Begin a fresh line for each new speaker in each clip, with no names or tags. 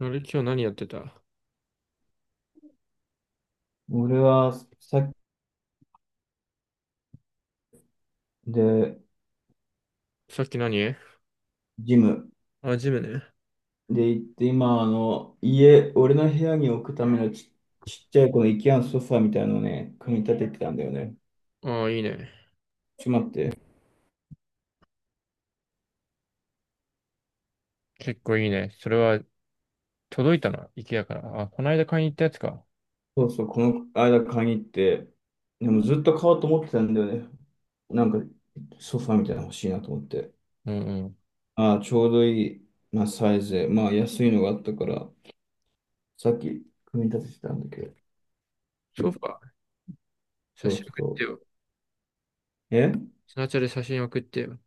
あれ、今日何やってた？
俺はさっきで、
さっき何？
ジム
あ、ジムね。
で行って、今、家、俺の部屋に置くためのちっちゃいこの IKEA のソファーみたいなのをね、組み立ててたんだよね。
ああ、いいね。
ちょっと待って。
結構いいね。それは届いたな、IKEA から。あ、この間買いに行ったやつか。
そうそう、この間買いに行って、でもずっと買おうと思ってたんだよね。なんか、ソファーみたいなの欲しいなと思って。
うんうん。
ああ、ちょうどいい、まあ、サイズで、まあ、安いのがあったから、さっき組み立ててたんだけど。
ソファー、写
そ
真
う
送って
そ
よ。
う。
スナチャで写真送ってよ。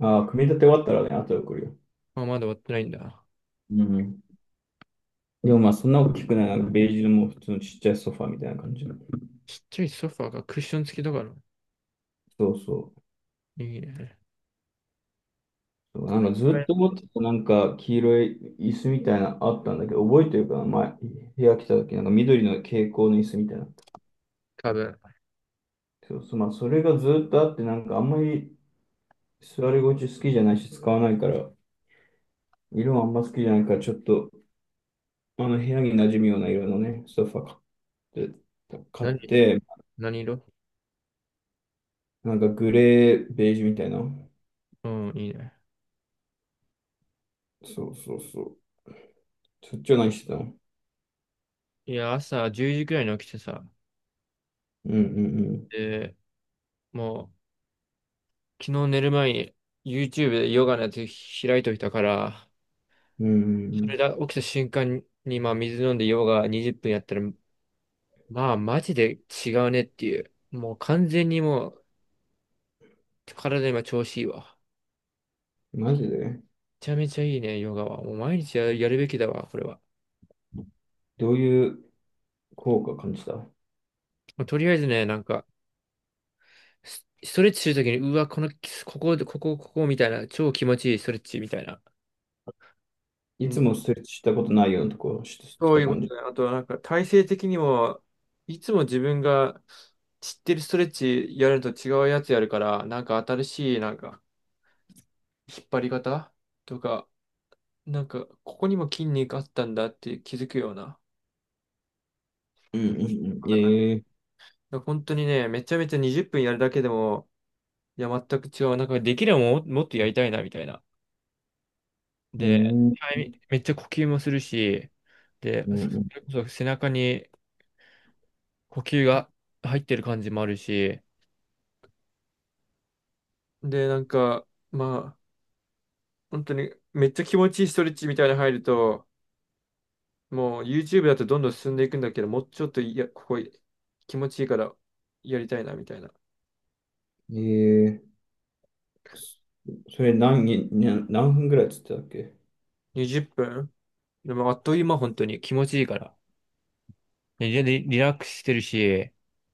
ああ、組み立て終わったらね、後で送るよ。
あ、まだ終わってないんだ。
うん。でもまあそんな大きくない、なんかベージュのもう普通のちっちゃいソファーみたいな感じの。
ちっちゃいソファーがクッション付きだから。
そうそう。
いいね。
そう、
こ
なん
の
かずっ
前、
と持ってたなんか黄色い椅子みたいなのあったんだけど、覚えてるかな前、部屋来た時なんか緑の蛍光の椅子みたいなのあった。
多分、
そうそう、まあそれがずっとあって、なんかあんまり座り心地好きじゃないし使わないから、色もあんま好きじゃないから、ちょっとあの部屋に馴染むような色のね、ソファ買って、買っ
何にする？
て、
何色？
なんかグレー、ベージュみたいな。
うん、いいね。
そうそうそう。そっちは何してたの？
いや、朝10時くらいに起きてさ。
うんうん
で、もう、昨日寝る前に YouTube でヨガのやつ開いといたから、
う
それ
ん。
だ、起きた瞬間に、まあ、水飲んでヨガ20分やったら、まあ、マジで違うねっていう。もう完全にもう、体今調子いいわ。
マジで？
めちゃめちゃいいね、ヨガは。もう毎日やる、やるべきだわ、これは。
どういう効果感じた？
もうとりあえずね、ストレッチするときに、うわ、こ、ここみたいな、超気持ちいいストレッチみたいな。
い
うん、
つもストレッチしたことないようなとこし
そう
た
いうこ
感じ。
とね。あと、なんか、体勢的にも、いつも自分が知ってるストレッチやると違うやつやるから、なんか新しい、なんか、引っ張り方とか、なんか、ここにも筋肉あったんだって気づくような。
うんうんうん。
だか
ええ、
ら本当にね、めちゃめちゃ20分やるだけでも、いや、全く違う。なんか、できればもう、もっとやりたいな、みたいな。
う
で、
ん。うん
タイミめっちゃ呼吸もするし、で、
うん。
それこそ背中に呼吸が入ってる感じもあるし、で、なんか、まあ、本当にめっちゃ気持ちいいストレッチみたいなの入ると、もう YouTube だとどんどん進んでいくんだけど、もうちょっといや、ここ気持ちいいからやりたいなみたいな。
ええ、そそれ何に、何分ぐらいっつってたっけ？
20分でもあっという間、本当に気持ちいいから。でリラックスしてるし、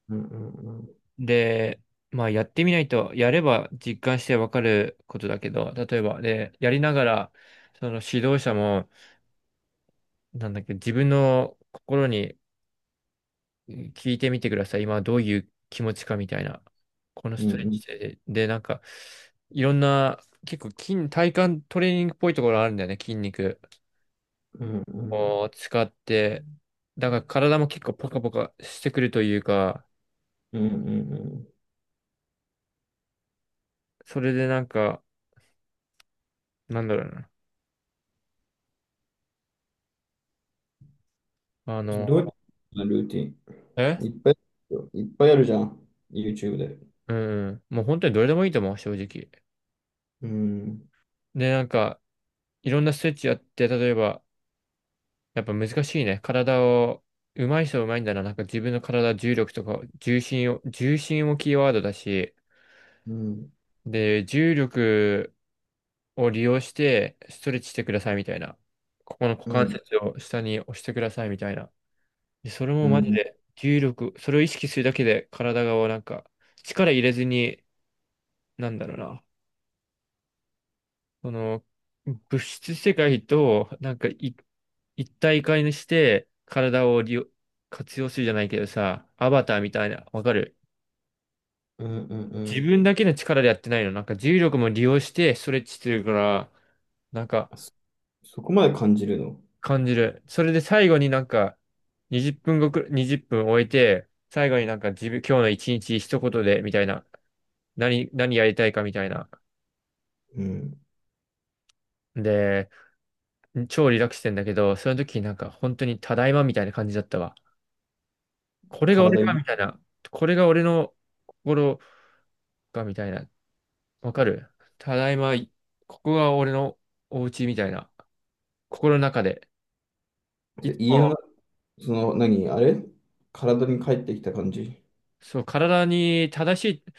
うんうんうん。
で、まあやってみないと、やれば実感してわかることだけど、例えば、で、やりながら、その指導者も、なんだっけ、自分の心に聞いてみてください。今どういう気持ちかみたいな。このス
う
トレッ
ん
チで、で、なんか、いろんな、結構体幹トレーニングっぽいところあるんだよね、筋肉
うんう
を
ん。
使って。だから体も結構ポカポカしてくるというか、
うんうん
それでなんか、なんだろうな。あ
うん。
の、
どうやってルーティン、いっ
え
ぱい、いっぱいあるじゃん。YouTube で。
うん。もう本当にどれでもいいと思う、正直。
うん。
で、なんか、いろんなストレッチやって、例えば、やっぱ難しいね。体を、上手い人は上手いんだな。なんか自分の体、重力とか、重心をキーワードだし、
うん。
で、重力を利用して、ストレッチしてくださいみたいな。ここの股
う
関
ん。
節を下に押してくださいみたいな。で、それ
う
もマジ
ん。
で、重力、それを意識するだけで、体がなんか、力入れずに、なんだろうな。その、物質世界と、なんかい、一体化にして、体を利用、活用するじゃないけどさ、アバターみたいな、わかる？
うん。うん。う
自
ん。
分だけの力でやってないの。なんか重力も利用してストレッチしてるから、なんか
あ、そこまで感じるの？
感じる。それで最後になんか、20分ごくらい、分終えて、最後になんか自分、今日の一日一言で、みたいな。何やりたいかみたいな。
うん。
で、超リラックスしてんだけど、その時なんか本当にただいまみたいな感じだったわ。これが俺
体
か
に、
みたいな。これが俺の心かみたいな。わかる？ただいま、ここが俺のお家みたいな。心の中で。い
じゃ
つ
家の
も、
中、その、何、あれ、体に帰ってきた感じ。
そう、体に正しい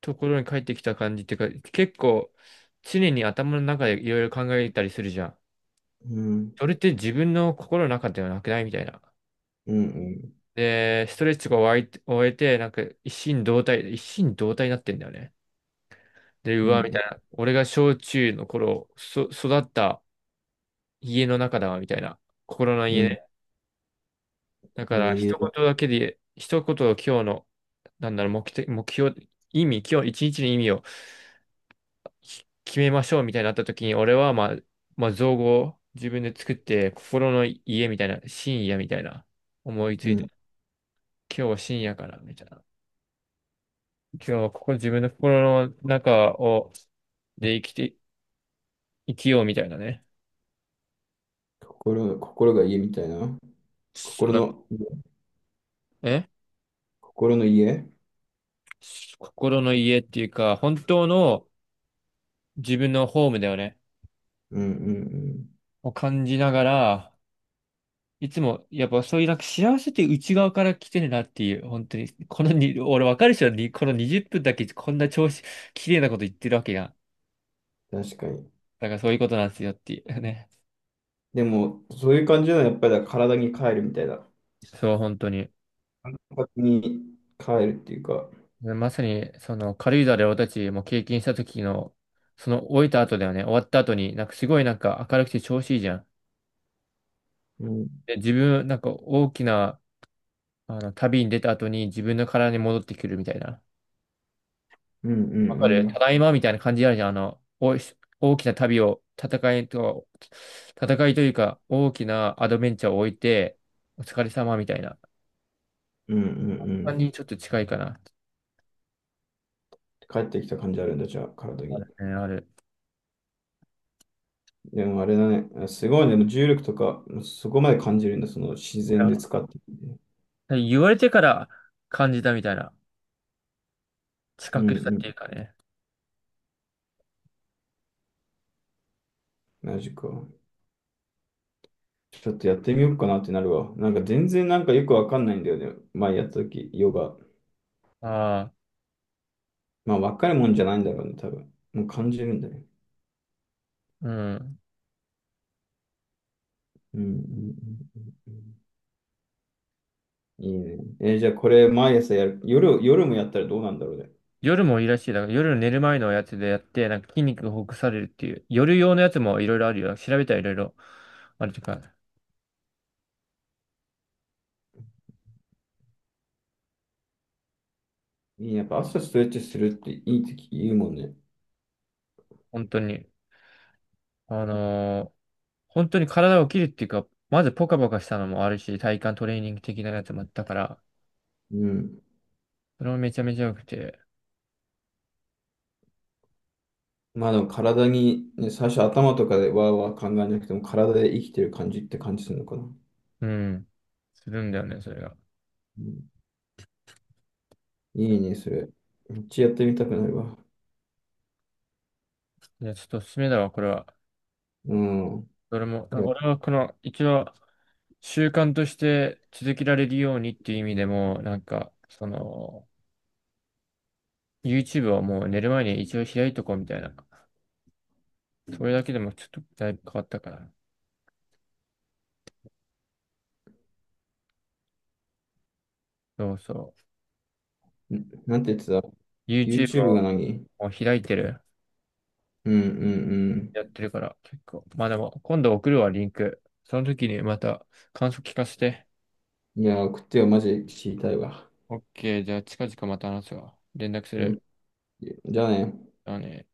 ところに帰ってきた感じっていうか、結構常に頭の中でいろいろ考えたりするじゃん。
うん、
それって自分の心の中ではなくないみたいな。
うん、うん、
で、ストレッチが終えて、一心同体になってんだよね。で、う
う
わ、みた
ん、
いな。俺が小中の頃、育った家の中だわ、みたいな。心の家
うん。
ね。だから、
え
一
え、
言だけで、一言を今日の、なんだろう、目標、意味、今日一日の意味を決めましょう、みたいになった時に、俺は、まあ、造語を自分で作って、心の家みたいな、深夜みたいな、思いつ
う
いて、
ん。
今日は深夜かな、みたいな。今日はここ自分の心の中を、で生きて、生きようみたいなね。
心が家みたいな。
そ
心
の
の、
え
心の家。
心の家っていうか、本当の自分のホームだよね。
うん、うん、
を感じながら、いつも、やっぱそういうなんか幸せって内側から来てるなっていう、本当に、このに、俺わかるでしょ、にこの20分だけこんな調子、綺麗なこと言ってるわけが。
うん。確かに。
だからそういうことなんですよっていうね。
でも、そういう感じなのは、やっぱりだから体に帰るみたいな。
そう、本当に。
体に帰るっていうか、
まさに、その軽井沢で俺たちも経験した時の、その終えた後だよね、終わった後に、なんかすごいなんか明るくて調子いいじゃん。
うん、
で、自分、なんか大きな、あの、旅に出た後に自分の体に戻ってくるみたいな。
うん、う
わかる。
ん、う
た
ん、
だいまみたいな感じあるじゃん。あの、おい大きな旅を、戦いというか、大きなアドベンチャーを置いて、お疲れ様みたいな
うん、うん。う
感じ
ん、
にちょっと近いかな。
帰ってきた感じあるんだ、じゃあ、体
あ
に。
るね、ある。
でもあれだね。すごいね。でも重力とか、そこまで感じるんだ。その自
い
然
や、
で使ってて。
言われてから感じたみたいな。
う
近
ん
く
う
したって
ん。
いうかね。
マジか。ちょっとやってみようかなってなるわ。なんか全然なんかよくわかんないんだよね。前やった時、ヨガ。
ああ、
まあ、わかるもんじゃないんだろうね、多分。もう感じるんだね。
うん。
うんうんうん。いいね。じゃあこれ毎朝やる。夜もやったらどうなんだろうね。
夜もいいらしい。だから夜寝る前のやつでやって、なんか筋肉がほぐされるっていう。夜用のやつもいろいろあるよ。調べたらいろいろあるとか、
いいね。やっぱ朝ストレッチするっていいって言うもんね。
本当に。あのー本当に体を切るっていうか、まずポカポカしたのもあるし、体幹トレーニング的なやつもあったから、
うん。
それもめちゃめちゃ良くて、
まあでも体に、ね、最初頭とかでわーわー考えなくても体で生きてる感じって感じするのかな。う
うん、するんだよね、それが。
ん、いいね、それ。めっちゃやってみたくなるわ。
いや、ちょっとおすすめだわ、これは。
うん。
俺も、
い
あ
や、
俺はこの、一応、習慣として続けられるようにっていう意味でも、なんか、その、YouTube をもう寝る前に一応開いとこうみたいな。それだけでもちょっとだいぶ変わったから。そうそ
なんて言ってた？
う。YouTube
YouTube が
を
何？
もう開いてる。
うんうん
やってるから、結構。まあでも、今度送るわ、リンク。その時にまた感想聞かせて。
うん。いや、送ってよ、マジ知りたいわ。
オッケー、じゃあ近々また話すわ。連絡す
うん。
る。
じゃあね。
あのね。